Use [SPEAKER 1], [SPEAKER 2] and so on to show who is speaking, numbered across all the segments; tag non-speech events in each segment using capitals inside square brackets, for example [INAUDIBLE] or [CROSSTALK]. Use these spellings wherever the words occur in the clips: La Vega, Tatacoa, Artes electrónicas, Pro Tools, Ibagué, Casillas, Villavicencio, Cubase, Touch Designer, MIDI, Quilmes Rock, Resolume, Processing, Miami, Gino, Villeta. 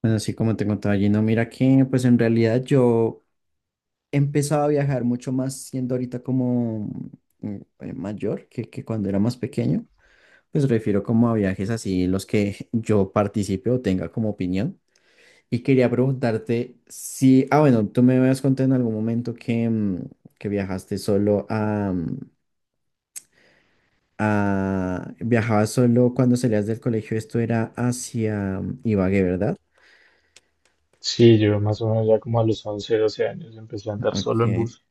[SPEAKER 1] Pues así como te contaba Gino, mira que pues en realidad yo empezaba a viajar mucho más siendo ahorita como mayor que cuando era más pequeño. Pues refiero como a viajes así, los que yo participe o tenga como opinión. Y quería preguntarte si, ah bueno, tú me habías contado en algún momento que que viajaste solo a viajabas solo cuando salías del colegio, esto era hacia Ibagué, ¿verdad?
[SPEAKER 2] Sí, yo más o menos ya como a los 11, 12 años empecé a andar solo en
[SPEAKER 1] Ok.
[SPEAKER 2] bus.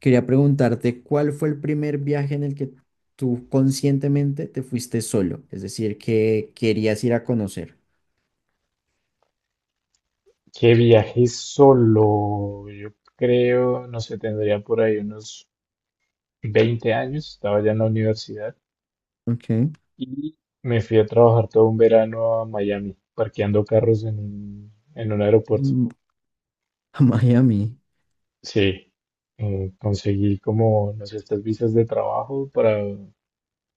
[SPEAKER 1] Quería preguntarte, ¿cuál fue el primer viaje en el que tú conscientemente te fuiste solo? Es decir, que querías ir a conocer.
[SPEAKER 2] Que viajé solo, yo creo, no sé, tendría por ahí unos 20 años, estaba ya en la universidad
[SPEAKER 1] Okay.
[SPEAKER 2] y me fui a trabajar todo un verano a Miami, parqueando carros en en un aeropuerto.
[SPEAKER 1] Mm, a Miami.
[SPEAKER 2] Sí, conseguí como, no sé, estas visas de trabajo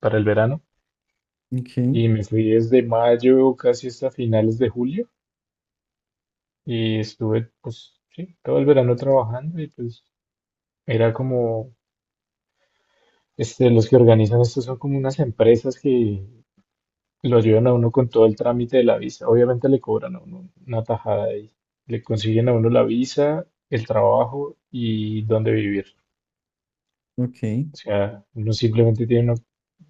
[SPEAKER 2] para el verano
[SPEAKER 1] Okay.
[SPEAKER 2] y me fui desde mayo casi hasta finales de julio. Y estuve, pues, sí, todo el verano trabajando y pues era como, este, los que organizan esto son como unas empresas que lo ayudan a uno con todo el trámite de la visa. Obviamente le cobran a uno una tajada y le consiguen a uno la visa, el trabajo y dónde vivir.
[SPEAKER 1] Okay.
[SPEAKER 2] O sea, uno simplemente tiene, uno,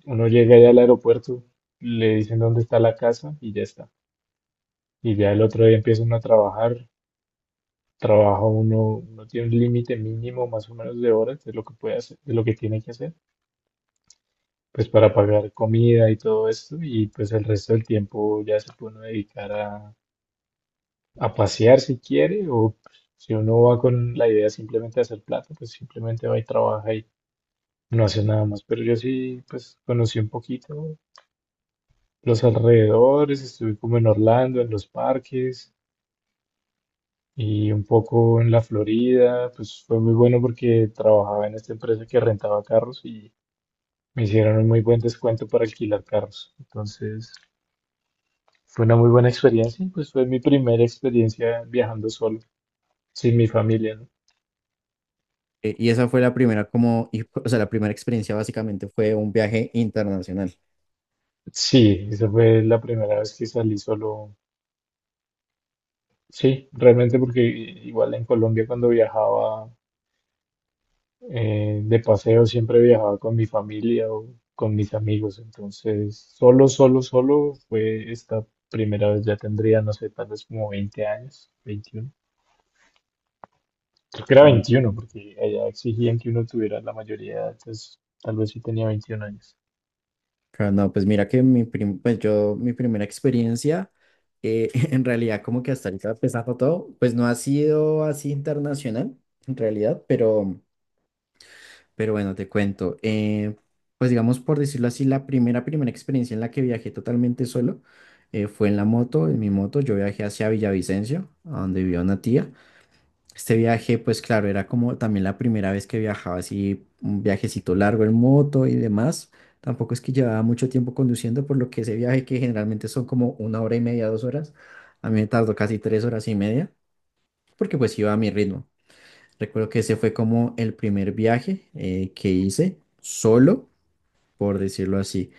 [SPEAKER 2] uno llega allá al aeropuerto, le dicen dónde está la casa y ya está. Y ya el otro día empieza uno a trabajar trabajo uno, uno tiene un límite mínimo más o menos de horas de lo que puede hacer, de lo que tiene que hacer, pues para pagar comida y todo esto, y pues el resto del tiempo ya se puede uno dedicar a pasear si quiere, o pues, si uno va con la idea simplemente de hacer plata, pues simplemente va y trabaja y no hace nada más. Pero yo sí, pues conocí un poquito los alrededores, estuve como en Orlando, en los parques, y un poco en la Florida, pues fue muy bueno porque trabajaba en esta empresa que rentaba carros y me hicieron un muy buen descuento para alquilar carros. Entonces fue una muy buena experiencia y pues fue mi primera experiencia viajando solo, sin mi familia, ¿no?
[SPEAKER 1] Y esa fue la primera como, o sea, la primera experiencia básicamente fue un viaje internacional.
[SPEAKER 2] Sí, esa fue la primera vez que salí solo. Sí, realmente porque igual en Colombia cuando viajaba de paseo siempre viajaba con mi familia o con mis amigos, entonces solo, solo, solo fue esta primera vez, ya tendría, no sé, tal vez como 20 años, 21. Creo que era
[SPEAKER 1] Ok.
[SPEAKER 2] 21 porque allá exigían que uno tuviera la mayoría de edad, entonces tal vez sí tenía 21 años.
[SPEAKER 1] Claro, no, pues mira que pues yo, mi primera experiencia, eh, [LAUGHS] en realidad como que hasta ahorita empezando todo, pues no ha sido así internacional, en realidad, pero... Pero bueno, te cuento. Pues digamos, por decirlo así, la primera experiencia en la que viajé totalmente solo fue en la moto, en mi moto. Yo viajé hacia Villavicencio, a donde vivía una tía. Este viaje, pues claro, era como también la primera vez que viajaba así, un viajecito largo en moto y demás. Tampoco es que llevaba mucho tiempo conduciendo, por lo que ese viaje, que generalmente son como una hora y media, dos horas, a mí me tardó casi tres horas y media, porque pues iba a mi ritmo. Recuerdo que ese fue como el primer viaje que hice solo, por decirlo así.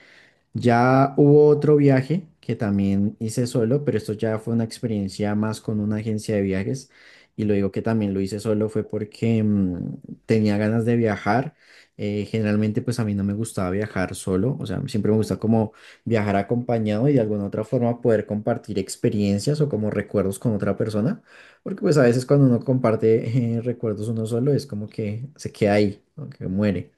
[SPEAKER 1] Ya hubo otro viaje que también hice solo, pero esto ya fue una experiencia más con una agencia de viajes. Y lo digo que también lo hice solo fue porque tenía ganas de viajar. Generalmente pues a mí no me gustaba viajar solo, o sea, siempre me gusta como viajar acompañado y de alguna otra forma poder compartir experiencias o como recuerdos con otra persona, porque pues a veces cuando uno comparte recuerdos uno solo es como que se queda ahí, como que muere,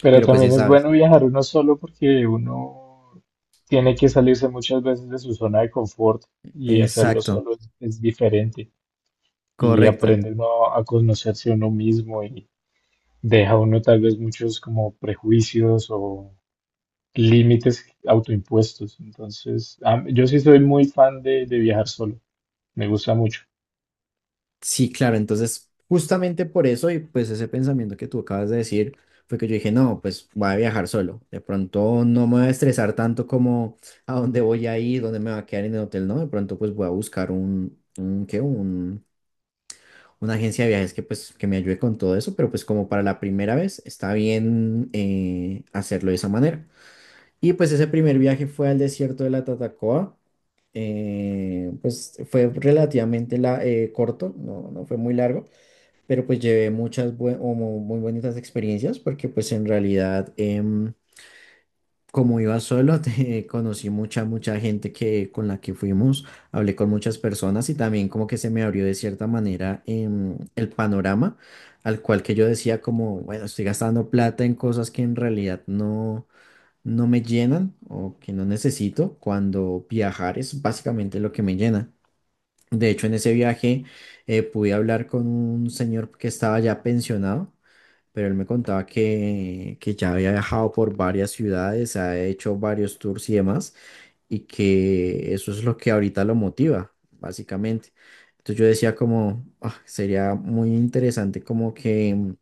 [SPEAKER 2] Pero
[SPEAKER 1] pero pues ya
[SPEAKER 2] también es
[SPEAKER 1] sabes.
[SPEAKER 2] bueno viajar uno solo porque uno tiene que salirse muchas veces de su zona de confort y hacerlo
[SPEAKER 1] Exacto.
[SPEAKER 2] solo es diferente y
[SPEAKER 1] Correcto.
[SPEAKER 2] aprende uno a conocerse uno mismo y deja uno tal vez muchos como prejuicios o límites autoimpuestos. Entonces, yo sí soy muy fan de viajar solo, me gusta mucho.
[SPEAKER 1] Sí, claro, entonces justamente por eso y pues ese pensamiento que tú acabas de decir fue que yo dije, no, pues voy a viajar solo, de pronto no me voy a estresar tanto como a dónde voy a ir, dónde me va a quedar en el hotel, no, de pronto pues voy a buscar un ¿qué? Un, una agencia de viajes que pues que me ayude con todo eso, pero pues como para la primera vez está bien hacerlo de esa manera. Y pues ese primer viaje fue al desierto de la Tatacoa pues fue relativamente corto, no fue muy largo, pero pues llevé muchas bue- o mu- muy bonitas experiencias porque pues en realidad como iba solo [LAUGHS] conocí mucha gente que con la que fuimos, hablé con muchas personas y también como que se me abrió de cierta manera el panorama al cual que yo decía como, bueno, estoy gastando plata en cosas que en realidad no me llenan o que no necesito cuando viajar es básicamente lo que me llena. De hecho, en ese viaje pude hablar con un señor que estaba ya pensionado, pero él me contaba que ya había viajado por varias ciudades, ha hecho varios tours y demás, y que eso es lo que ahorita lo motiva, básicamente. Entonces yo decía como, "Ah, sería muy interesante como que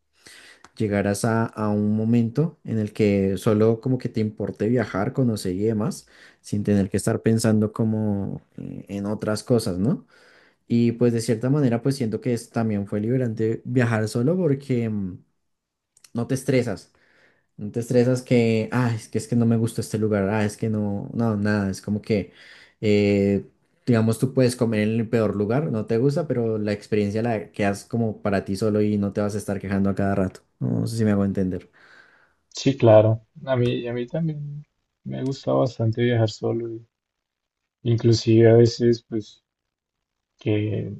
[SPEAKER 1] llegaras a un momento en el que solo como que te importe viajar, conocer y demás, sin tener que estar pensando como en otras cosas, ¿no? Y pues de cierta manera pues siento que es, también fue liberante viajar solo porque no te estresas. No te estresas que, ah, es que no me gustó este lugar, ah, es que no, nada, es como que, eh, digamos, tú puedes comer en el peor lugar, no te gusta, pero la experiencia la quedas como para ti solo y no te vas a estar quejando a cada rato. No sé si me hago entender.
[SPEAKER 2] Sí, claro, a mí también me gusta bastante viajar solo, y inclusive a veces pues que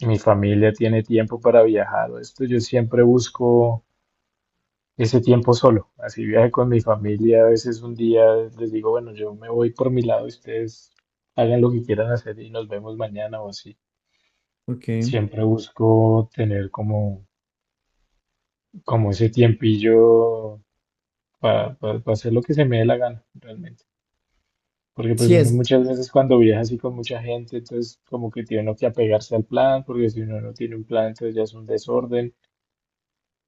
[SPEAKER 2] mi familia tiene tiempo para viajar o esto, yo siempre busco ese tiempo solo, así viaje con mi familia, a veces un día les digo, bueno, yo me voy por mi lado, ustedes hagan lo que quieran hacer y nos vemos mañana o así.
[SPEAKER 1] Ok.
[SPEAKER 2] Siempre busco tener como, como ese tiempillo para hacer lo que se me dé la gana, realmente. Porque pues
[SPEAKER 1] Sí,
[SPEAKER 2] uno
[SPEAKER 1] es,
[SPEAKER 2] muchas veces cuando viaja así con mucha gente, entonces como que tiene uno que apegarse al plan, porque si uno no tiene un plan, entonces ya es un desorden.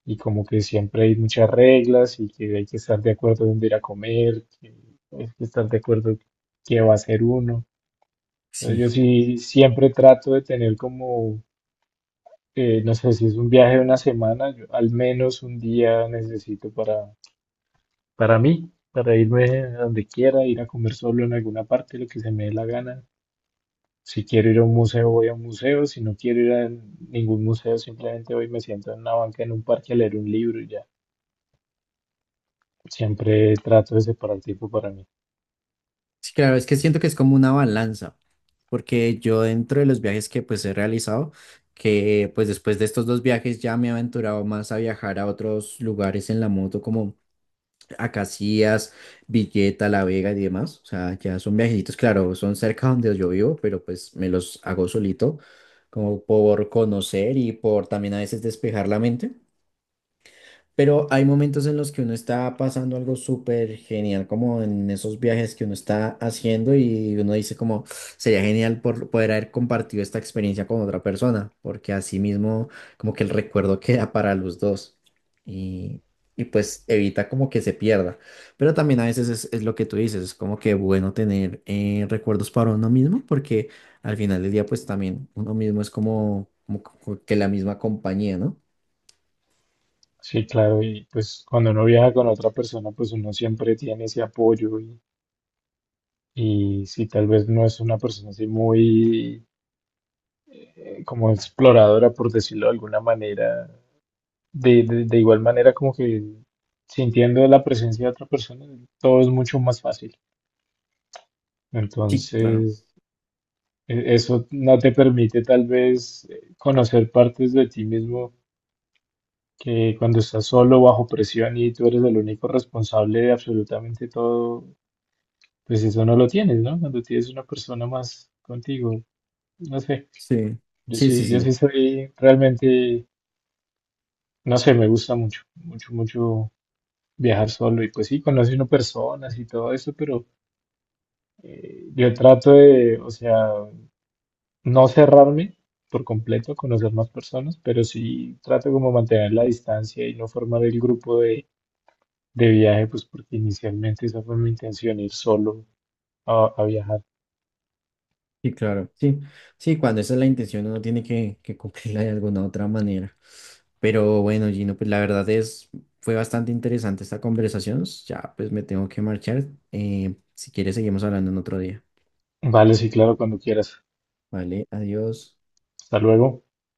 [SPEAKER 2] Y como que siempre hay muchas reglas y que hay que estar de acuerdo dónde ir a comer, que hay que estar de acuerdo qué va a hacer uno. Entonces
[SPEAKER 1] sí,
[SPEAKER 2] yo sí siempre trato de tener como no sé, si es un viaje de una semana, yo al menos un día necesito para mí, para irme a donde quiera, ir a comer solo en alguna parte, lo que se me dé la gana. Si quiero ir a un museo, voy a un museo. Si no quiero ir a ningún museo, simplemente voy y me siento en una banca en un parque a leer un libro y ya. Siempre trato de separar tiempo para mí.
[SPEAKER 1] sí, claro, es que siento que es como una balanza, porque yo dentro de los viajes que pues he realizado, que pues después de estos dos viajes ya me he aventurado más a viajar a otros lugares en la moto, como a Casillas, Villeta, La Vega y demás. O sea, ya son viajecitos, claro, son cerca donde yo vivo, pero pues me los hago solito, como por conocer y por también a veces despejar la mente. Pero hay momentos en los que uno está pasando algo súper genial, como en esos viajes que uno está haciendo y uno dice como sería genial por poder haber compartido esta experiencia con otra persona, porque así mismo como que el recuerdo queda para los dos y, y pues evita como que se pierda. Pero también a veces es lo que tú dices, es como que bueno tener recuerdos para uno mismo, porque al final del día pues también uno mismo es como que la misma compañía, ¿no?
[SPEAKER 2] Sí, claro, y pues cuando uno viaja con otra persona, pues uno siempre tiene ese apoyo y si tal vez no es una persona así muy como exploradora, por decirlo de alguna manera, de igual manera como que sintiendo la presencia de otra persona, todo es mucho más fácil.
[SPEAKER 1] Sí, claro.
[SPEAKER 2] Entonces, eso no te permite tal vez conocer partes de ti mismo que cuando estás solo bajo presión y tú eres el único responsable de absolutamente todo, pues eso no lo tienes, ¿no? Cuando tienes una persona más contigo, no sé.
[SPEAKER 1] Sí, sí, sí,
[SPEAKER 2] Yo sí
[SPEAKER 1] sí,
[SPEAKER 2] soy realmente, no sé, me gusta mucho, mucho, mucho viajar solo y pues sí, conoce uno personas y todo eso, pero yo trato de, o sea, no cerrarme por completo a conocer más personas, pero sí trato como mantener la distancia y no formar el grupo de viaje, pues porque inicialmente esa fue mi intención, ir solo a viajar.
[SPEAKER 1] sí, claro, sí, sí, cuando esa es la intención uno tiene que cumplirla de alguna otra manera. Pero bueno, Gino, pues la verdad es, fue bastante interesante esta conversación, ya pues me tengo que marchar, si quieres seguimos hablando en otro día,
[SPEAKER 2] Vale, sí, claro, cuando quieras.
[SPEAKER 1] ¿vale? Adiós.
[SPEAKER 2] Hasta luego.